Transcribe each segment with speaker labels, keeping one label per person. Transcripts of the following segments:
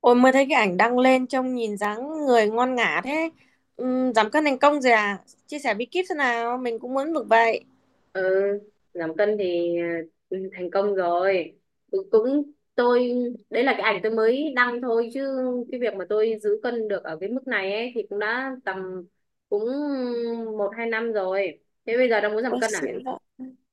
Speaker 1: Ôi mới thấy cái ảnh đăng lên trông nhìn dáng người ngon ngả thế. Ừ, giảm cân thành công rồi à? Chia sẻ bí kíp thế nào? Mình cũng muốn được vậy.
Speaker 2: Ừ. Giảm cân thì à, thành công rồi, cũng tôi. Đấy là cái ảnh tôi mới đăng thôi, chứ cái việc mà tôi giữ cân được ở cái mức này ấy thì cũng đã tầm cũng một hai năm rồi. Thế bây giờ đang muốn giảm
Speaker 1: Ôi
Speaker 2: cân à?
Speaker 1: xịn vậy.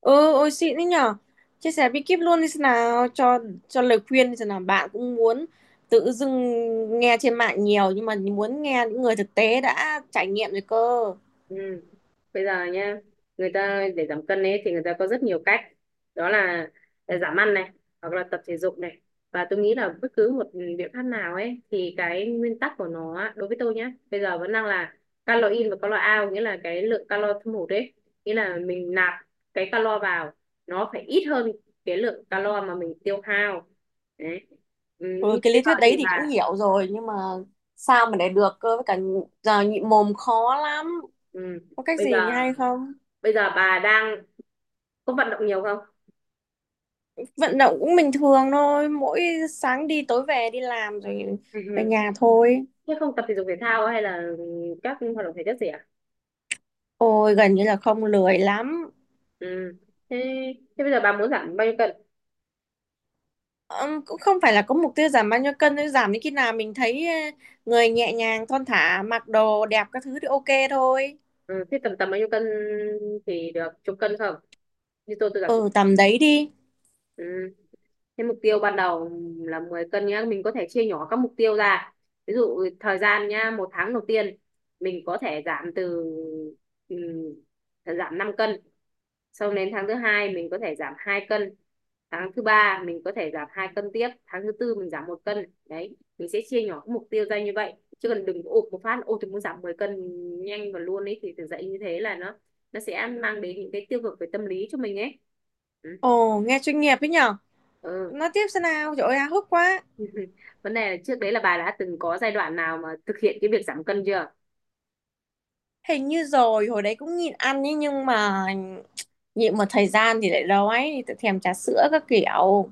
Speaker 1: Ừ, ôi xịn đấy nhở. Chia sẻ bí kíp luôn đi thế nào? Cho lời khuyên đi thế nào? Bạn cũng muốn tự dưng nghe trên mạng nhiều nhưng mà muốn nghe những người thực tế đã trải nghiệm rồi cơ.
Speaker 2: Ừ. Bây giờ nhá, người ta để giảm cân ấy thì người ta có rất nhiều cách. Đó là giảm ăn này, hoặc là tập thể dục này. Và tôi nghĩ là bất cứ một biện pháp nào ấy thì cái nguyên tắc của nó á, đối với tôi nhá, bây giờ vẫn đang là calo in và calo out, nghĩa là cái lượng calo thâm hụt ấy, nghĩa là mình nạp cái calo vào nó phải ít hơn cái lượng calo mà mình tiêu hao. Đấy. Ừ, nhưng
Speaker 1: Ừ, cái
Speaker 2: bây
Speaker 1: lý
Speaker 2: giờ
Speaker 1: thuyết đấy
Speaker 2: thì
Speaker 1: thì cũng hiểu rồi nhưng mà sao mà để được cơ, với cả giờ nhịn mồm khó lắm.
Speaker 2: ừ,
Speaker 1: Có cách
Speaker 2: bây giờ
Speaker 1: gì hay không?
Speaker 2: bà đang có vận động nhiều không?
Speaker 1: Vận động cũng bình thường thôi, mỗi sáng đi tối về, đi làm rồi về nhà thôi.
Speaker 2: Thế không tập thể dục thể thao hay là các hoạt động thể chất gì à?
Speaker 1: Ôi gần như là không, lười lắm.
Speaker 2: Ừ. Thế, thế bây giờ bà muốn giảm bao nhiêu cân?
Speaker 1: Cũng không phải là có mục tiêu giảm bao nhiêu cân, thôi giảm đến khi nào mình thấy người nhẹ nhàng thon thả, mặc đồ đẹp các thứ thì ok thôi.
Speaker 2: Ừ. Thế tầm tầm bao nhiêu cân thì được? Chục cân không? Như tôi giảm chục.
Speaker 1: Ừ, tầm đấy đi.
Speaker 2: Ừ. Thế mục tiêu ban đầu là 10 cân nhá, mình có thể chia nhỏ các mục tiêu ra. Ví dụ thời gian nhá, một tháng đầu tiên mình có thể giảm 5 cân. Sau đến tháng thứ hai mình có thể giảm 2 cân. Tháng thứ ba mình có thể giảm 2 cân tiếp, tháng thứ tư mình giảm 1 cân. Đấy, mình sẽ chia nhỏ các mục tiêu ra như vậy. Chứ còn đừng ộp một phát, ôi tôi muốn giảm 10 cân nhanh và luôn ấy, thì thực dậy như thế là nó sẽ mang đến những cái tiêu cực về tâm lý cho mình ấy. Ừ.
Speaker 1: Ồ, nghe chuyên nghiệp ấy nhở.
Speaker 2: Ừ.
Speaker 1: Nói tiếp xem nào, trời ơi háo hức quá.
Speaker 2: Vấn đề là trước đấy là bà đã từng có giai đoạn nào mà thực hiện cái việc giảm cân chưa?
Speaker 1: Hình như rồi, hồi đấy cũng nhịn ăn ấy, nhưng mà nhịn một thời gian thì lại đói, thì thèm trà sữa các kiểu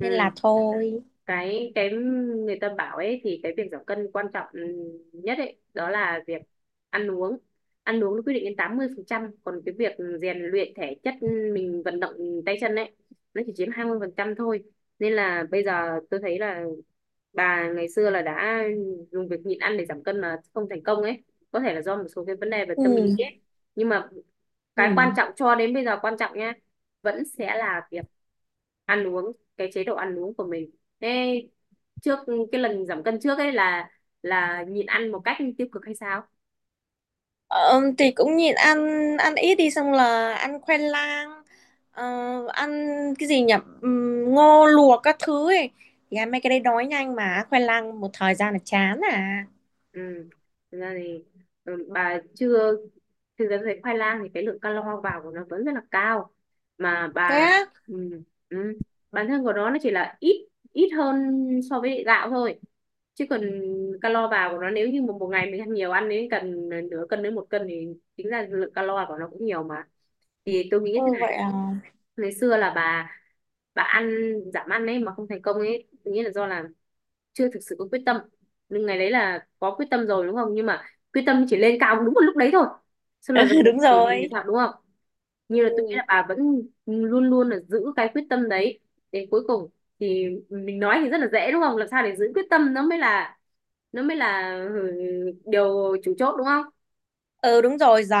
Speaker 1: nên
Speaker 2: Ừ,
Speaker 1: là thôi.
Speaker 2: cái người ta bảo ấy thì cái việc giảm cân quan trọng nhất ấy đó là việc ăn uống. Ăn uống nó quyết định đến 80%, còn cái việc rèn luyện thể chất, mình vận động tay chân ấy, nó chỉ chiếm 20% thôi. Nên là bây giờ tôi thấy là bà ngày xưa là đã dùng việc nhịn ăn để giảm cân mà không thành công ấy, có thể là do một số cái vấn đề về tâm lý
Speaker 1: Ừ.
Speaker 2: ấy, nhưng mà cái quan
Speaker 1: Ừ.
Speaker 2: trọng cho đến bây giờ, quan trọng nha, vẫn sẽ là việc ăn uống, cái chế độ ăn uống của mình. Thế trước cái lần giảm cân trước ấy là nhịn ăn một cách tiêu cực hay sao?
Speaker 1: Ờ, thì cũng nhịn ăn, ăn ít đi, xong là ăn khoai lang, ờ, ăn cái gì nhỉ, ngô luộc các thứ ấy. Thì ăn mấy cái đấy đói nhanh, mà khoai lang một thời gian là chán à.
Speaker 2: Ừ. Thực ra thì ừ, bà chưa thực ra thấy khoai lang thì cái lượng calo vào của nó vẫn rất là cao, mà
Speaker 1: Thế á?
Speaker 2: ừ, ừ, bản thân của nó chỉ là ít ít hơn so với gạo thôi, chứ còn calo vào của nó nếu như một ngày mình ăn nhiều, ăn đến cần nửa cân đến 1 cân thì tính ra lượng calo của nó cũng nhiều mà, thì tôi nghĩ thế.
Speaker 1: Ừ, vậy à?
Speaker 2: Ngày xưa là bà ăn giảm ăn ấy mà không thành công ấy, nghĩa là do là chưa thực sự có quyết tâm. Nhưng ngày đấy là có quyết tâm rồi đúng không, nhưng mà quyết tâm chỉ lên cao đúng một lúc đấy thôi, xong là dần dần
Speaker 1: Đúng
Speaker 2: dần dần thì
Speaker 1: rồi.
Speaker 2: sao đúng không? Như là tôi nghĩ
Speaker 1: Ừ.
Speaker 2: là bà vẫn luôn luôn là giữ cái quyết tâm đấy đến cuối cùng, thì mình nói thì rất là dễ đúng không, làm sao để giữ quyết tâm, nó mới là, nó mới là ừ, điều chủ chốt đúng không?
Speaker 1: Ừ, đúng rồi. Giờ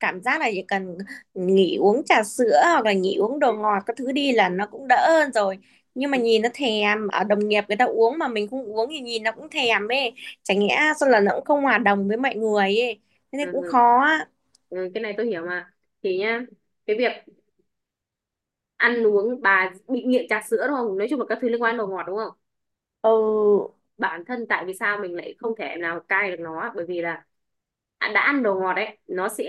Speaker 1: cảm giác là chỉ cần nghỉ uống trà sữa hoặc là nghỉ uống đồ ngọt các thứ đi là nó cũng đỡ hơn rồi, nhưng mà
Speaker 2: Ừ.
Speaker 1: nhìn nó thèm, ở đồng nghiệp người ta uống mà mình không uống thì nhìn nó cũng thèm ấy. Chả nhẽ sao là nó cũng không hòa đồng với mọi người ấy, thế nên
Speaker 2: Ừ.
Speaker 1: cũng
Speaker 2: Ừ.
Speaker 1: khó á.
Speaker 2: Ừ, cái này tôi hiểu mà. Thì nhá, cái việc ăn uống, bà bị nghiện trà sữa đúng không, nói chung là các thứ liên quan đến đồ ngọt đúng không.
Speaker 1: Ừ.
Speaker 2: Bản thân tại vì sao mình lại không thể nào cai được nó, bởi vì là đã ăn đồ ngọt đấy nó sẽ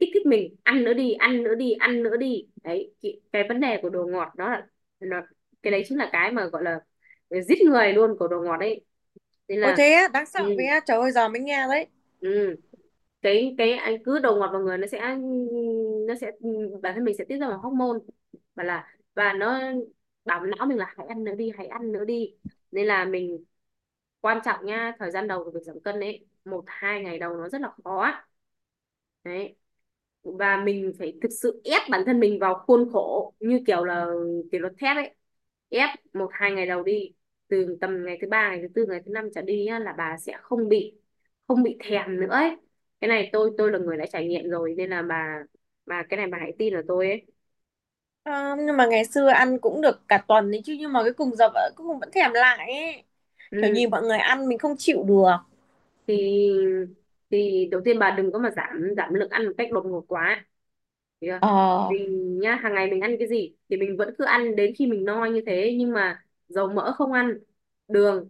Speaker 2: kích thích mình, ăn nữa đi, ăn nữa đi, ăn nữa đi. Đấy cái, vấn đề của đồ ngọt đó là nó, cái đấy chính là cái mà gọi là giết người luôn của đồ ngọt đấy, nên
Speaker 1: Ôi
Speaker 2: là.
Speaker 1: thế á? Đáng
Speaker 2: Ừ,
Speaker 1: sợ vậy á? Trời ơi, giờ mới nghe đấy.
Speaker 2: ừ. Cái anh cứ đầu ngọt vào người, nó sẽ nó sẽ ừ, bản thân mình sẽ tiết ra một hormone, và là và nó bảo não mình là hãy ăn nữa đi, hãy ăn nữa đi. Nên là mình, quan trọng nha, thời gian đầu của việc giảm cân ấy, một hai ngày đầu nó rất là khó á. Đấy, và mình phải thực sự ép bản thân mình vào khuôn khổ, như kiểu là kỷ luật thép ấy. Ép một hai ngày đầu đi, từ tầm ngày thứ ba, ngày thứ tư, ngày thứ năm trở đi nhá, là bà sẽ không bị, thèm nữa ấy. Cái này tôi là người đã trải nghiệm rồi, nên là bà cái này bà hãy tin vào tôi ấy.
Speaker 1: Ờ, nhưng mà ngày xưa ăn cũng được cả tuần đấy chứ, nhưng mà cái cùng giờ vẫn cũng vẫn thèm lại ấy, kiểu
Speaker 2: Ừ,
Speaker 1: nhìn mọi người ăn mình không chịu được.
Speaker 2: thì thì đầu tiên bà đừng có mà giảm giảm lượng ăn một cách đột ngột quá. Thấy chưa?
Speaker 1: Ờ.
Speaker 2: Mình nhá, hàng ngày mình ăn cái gì thì mình vẫn cứ ăn đến khi mình no như thế, nhưng mà dầu mỡ không ăn, đường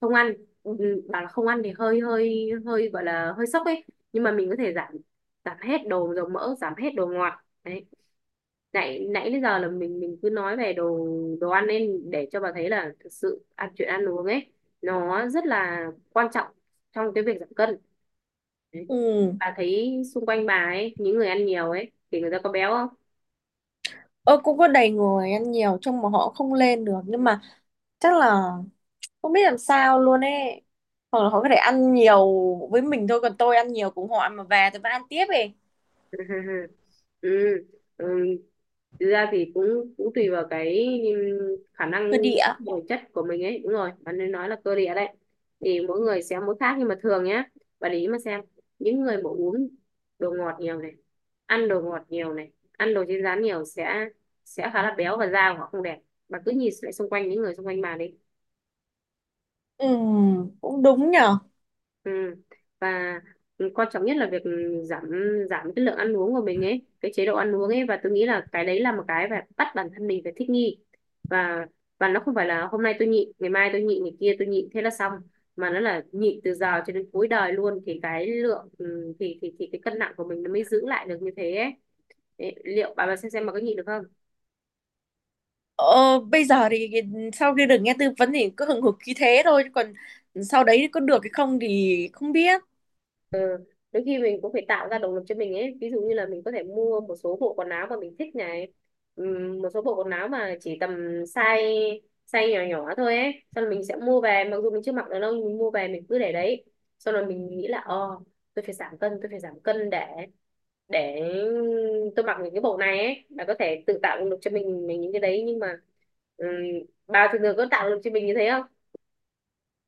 Speaker 2: không ăn. Bảo là không ăn thì hơi hơi hơi gọi là hơi sốc ấy, nhưng mà mình có thể giảm giảm hết đồ dầu mỡ, giảm hết đồ ngọt. Đấy, nãy nãy đến giờ là mình cứ nói về đồ đồ ăn, nên để cho bà thấy là thực sự chuyện ăn uống ấy nó rất là quan trọng trong cái việc giảm cân. Đấy,
Speaker 1: Ừ.
Speaker 2: bà thấy xung quanh bà ấy, những người ăn nhiều ấy thì người ta có béo không?
Speaker 1: Ơ, cũng có đầy người ăn nhiều trông mà họ không lên được, nhưng mà chắc là không biết làm sao luôn ấy, hoặc là họ có thể ăn nhiều với mình thôi, còn tôi ăn nhiều, cũng họ ăn mà về tôi vẫn ăn tiếp ấy.
Speaker 2: Ừ. Ừ. Ừ. Thực ra thì cũng cũng tùy vào cái, khả năng
Speaker 1: Cơ địa.
Speaker 2: bồi chất của mình ấy, đúng rồi bạn nên nói là cơ địa đấy, thì mỗi người sẽ mỗi khác, nhưng mà thường nhá, bạn để ý mà xem, những người mà uống đồ ngọt nhiều này, ăn đồ ngọt nhiều này, ăn đồ chiên rán nhiều, sẽ khá là béo và da của họ không đẹp. Bạn cứ nhìn lại xung quanh, những người xung quanh bạn đi.
Speaker 1: Ừ, cũng đúng nhở.
Speaker 2: Ừ. Và quan trọng nhất là việc giảm, cái lượng ăn uống của mình ấy, cái chế độ ăn uống ấy, và tôi nghĩ là cái đấy là một cái phải bắt bản thân mình phải thích nghi. Và nó không phải là hôm nay tôi nhịn, ngày mai tôi nhịn, ngày kia tôi nhịn, thế là xong, mà nó là nhịn từ giờ cho đến cuối đời luôn thì thì cái cân nặng của mình nó mới giữ lại được như thế ấy. Đấy, liệu bà xem bà có nhịn được không?
Speaker 1: ờ, Bây giờ thì sau khi được nghe tư vấn thì cứ hừng hực khí thế thôi, chứ còn sau đấy có được hay không thì không biết.
Speaker 2: Đôi khi mình cũng phải tạo ra động lực cho mình ấy, ví dụ như là mình có thể mua một số bộ quần áo mà mình thích này. Một số bộ quần áo mà chỉ tầm size size nhỏ nhỏ thôi ấy, xong rồi mình sẽ mua về, mặc dù mình chưa mặc được đâu, mình mua về mình cứ để đấy, xong rồi mình nghĩ là, tôi phải giảm cân, tôi phải giảm cân để để tôi mặc những cái bộ này ấy, là có thể tự tạo động lực cho mình, những cái đấy, nhưng mà ừm, bà thường thường có tạo động lực cho mình như thế không?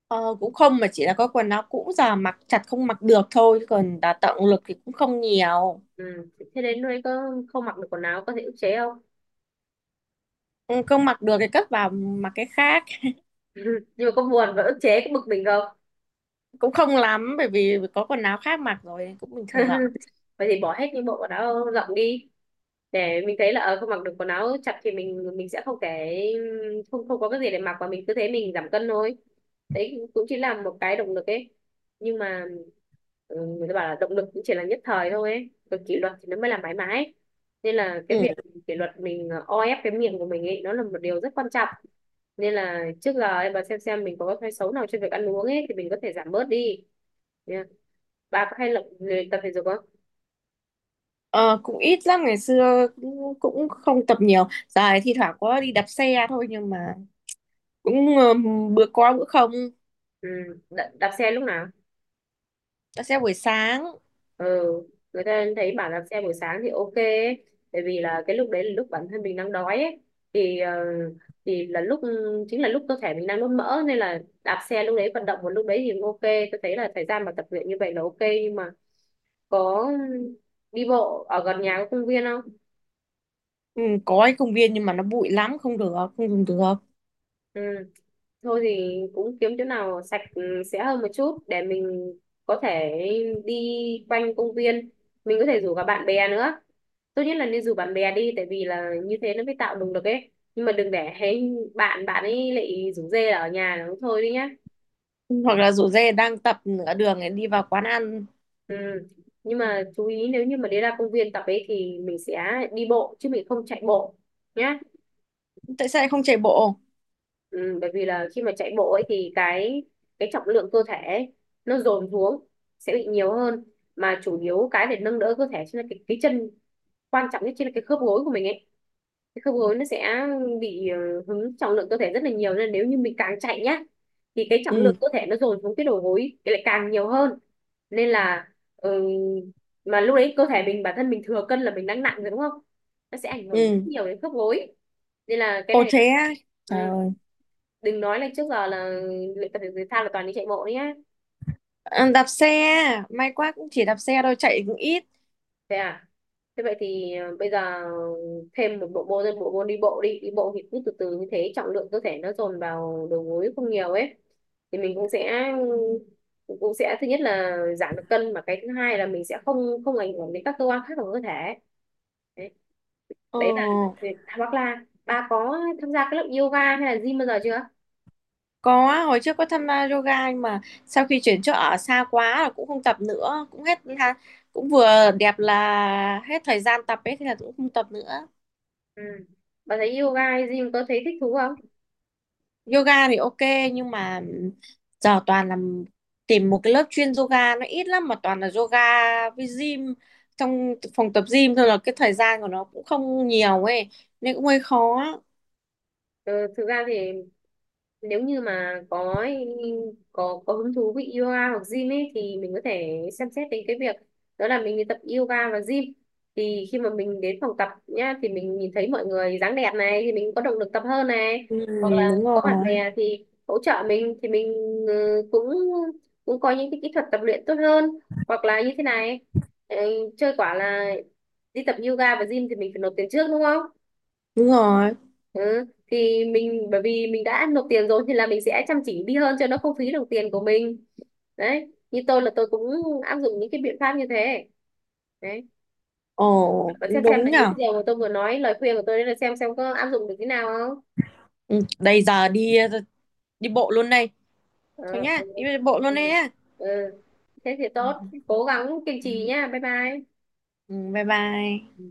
Speaker 1: Ờ, Cũng không, mà chỉ là có quần áo cũ giờ mặc chặt không mặc được thôi, chứ còn đào tạo lực thì cũng không nhiều.
Speaker 2: Ừ. Thế đến nơi có không mặc được quần áo có thể ức chế không?
Speaker 1: Ừ, không mặc được thì cất vào mặc cái khác.
Speaker 2: Nhưng mà có buồn và ức chế, cái bực mình không?
Speaker 1: Cũng không lắm, bởi vì có quần áo khác mặc rồi cũng bình thường.
Speaker 2: Vậy thì bỏ hết những bộ quần áo rộng đi, để mình thấy là, không mặc được quần áo chặt thì mình sẽ không có cái gì để mặc, và mình cứ thế mình giảm cân thôi. Đấy cũng chỉ là một cái động lực ấy, nhưng mà người ta bảo là động lực cũng chỉ là nhất thời thôi ấy, còn kỷ luật thì nó mới là mãi mãi, nên là cái
Speaker 1: Ừ.
Speaker 2: việc kỷ luật mình, o ép cái miệng của mình ấy, nó là một điều rất quan trọng. Nên là trước giờ bà xem mình có cái thói xấu nào trên việc ăn uống ấy thì mình có thể giảm bớt đi. Bà có hay luyện luyện tập thể dục không?
Speaker 1: ờ, Cũng ít lắm. Ngày xưa cũng không tập nhiều, dài thi thoảng có đi đạp xe thôi, nhưng mà cũng bữa có bữa không.
Speaker 2: Ừ. Đạp xe lúc nào?
Speaker 1: Đạp xe buổi sáng.
Speaker 2: Ừ. Người ta thấy bảo đạp xe buổi sáng thì ok ấy. Tại vì là cái lúc đấy là lúc bản thân mình đang đói ấy. thì ờ, thì là lúc chính là lúc cơ thể mình đang đốt mỡ, nên là đạp xe lúc đấy vận động một lúc đấy thì cũng ok. Tôi thấy là thời gian mà tập luyện như vậy là ok, nhưng mà có đi bộ ở gần nhà có công viên không?
Speaker 1: Ừ, có cái công viên nhưng mà nó bụi lắm, không được, không dùng được.
Speaker 2: Ừ. Thôi thì cũng kiếm chỗ nào sạch, sẽ hơn một chút để mình có thể đi quanh công viên. Mình có thể rủ cả bạn bè nữa. Tốt nhất là nên rủ bạn bè đi, tại vì là như thế nó mới tạo động lực ấy. Nhưng mà đừng để hay bạn bạn ấy lại rủ rê là ở nhà nó thôi đi nhá.
Speaker 1: Hoặc là rủ dê đang tập nửa đường ấy, đi vào quán ăn.
Speaker 2: Ừ. Nhưng mà chú ý nếu như mà đi ra công viên tập ấy thì mình sẽ đi bộ chứ mình không chạy bộ nhá.
Speaker 1: Tại sao lại không chạy bộ?
Speaker 2: Ừ, bởi vì là khi mà chạy bộ ấy thì cái trọng lượng cơ thể ấy, nó dồn xuống sẽ bị nhiều hơn, mà chủ yếu cái để nâng đỡ cơ thể chính là cái chân, quan trọng nhất chính là cái khớp gối của mình ấy. Cái khớp gối nó sẽ bị hứng trọng lượng cơ thể rất là nhiều, nên nếu như mình càng chạy nhá thì cái trọng
Speaker 1: Ừ.
Speaker 2: lượng cơ thể nó dồn xuống cái đầu gối thì lại càng nhiều hơn. Nên là ừ, mà lúc đấy cơ thể mình bản thân mình thừa cân là mình đang nặng rồi đúng không, nó sẽ ảnh hưởng rất
Speaker 1: Ừ.
Speaker 2: nhiều đến khớp gối. Nên là cái
Speaker 1: Ồ
Speaker 2: này
Speaker 1: thế á? Trời
Speaker 2: ừ,
Speaker 1: ơi.
Speaker 2: đừng nói là trước giờ là luyện tập thể dục thể thao là toàn đi chạy bộ đấy nhá.
Speaker 1: Ờ, đạp xe, may quá cũng chỉ đạp xe thôi, chạy cũng ít.
Speaker 2: Thế à? Thế vậy thì bây giờ thêm một bộ môn, thêm bộ môn đi bộ đi. Đi bộ thì cứ từ từ như thế trọng lượng cơ thể nó dồn vào đầu gối không nhiều ấy, thì mình cũng sẽ thứ nhất là giảm được cân, mà cái thứ hai là mình sẽ không không ảnh hưởng đến các cơ quan khác của cơ thể. Đấy,
Speaker 1: Ờ.
Speaker 2: đấy là việc- hoặc là bà có tham gia cái lớp yoga hay là gym bao giờ chưa?
Speaker 1: Có, hồi trước có tham gia yoga, nhưng mà sau khi chuyển chỗ ở xa quá là cũng không tập nữa, cũng hết ha, cũng vừa đẹp là hết thời gian tập ấy thì là cũng không tập nữa.
Speaker 2: Ừ. Bà thấy yoga hay gym có thấy thích thú không?
Speaker 1: Yoga thì ok, nhưng mà giờ toàn là tìm một cái lớp chuyên yoga nó ít lắm, mà toàn là yoga với gym, trong phòng tập gym thôi là cái thời gian của nó cũng không nhiều ấy, nên cũng hơi khó.
Speaker 2: Ừ, thực ra thì nếu như mà có có hứng thú với yoga hoặc gym ấy thì mình có thể xem xét đến cái việc đó là mình đi tập yoga và gym. Thì khi mà mình đến phòng tập nhá thì mình nhìn thấy mọi người dáng đẹp này thì mình có động lực tập hơn này,
Speaker 1: Ừ,
Speaker 2: hoặc là
Speaker 1: đúng
Speaker 2: có bạn
Speaker 1: rồi,
Speaker 2: bè thì hỗ trợ mình thì mình ừ, cũng cũng có những cái kỹ thuật tập luyện tốt hơn, hoặc là như thế này ừ, chơi quả là đi tập yoga và gym thì mình phải nộp tiền trước đúng không?
Speaker 1: đúng rồi.
Speaker 2: Ừ. Thì mình bởi vì mình đã nộp tiền rồi thì là mình sẽ chăm chỉ đi hơn cho nó không phí đồng tiền của mình. Đấy, như tôi là tôi cũng áp dụng những cái biện pháp như thế đấy,
Speaker 1: Ồ,
Speaker 2: và
Speaker 1: cũng
Speaker 2: xem
Speaker 1: đúng
Speaker 2: là những cái
Speaker 1: nhở.
Speaker 2: điều mà tôi vừa nói lời khuyên của tôi đấy là xem có áp dụng được thế nào không.
Speaker 1: Ừ, đây giờ đi, đi bộ luôn đây.
Speaker 2: Ờ,
Speaker 1: Thôi nhá,
Speaker 2: ừ.
Speaker 1: đi bộ luôn đây
Speaker 2: Ừ.
Speaker 1: nhá.
Speaker 2: Ừ. Thế thì tốt, cố gắng kiên trì nhá, bye bye.
Speaker 1: Ừ, bye bye.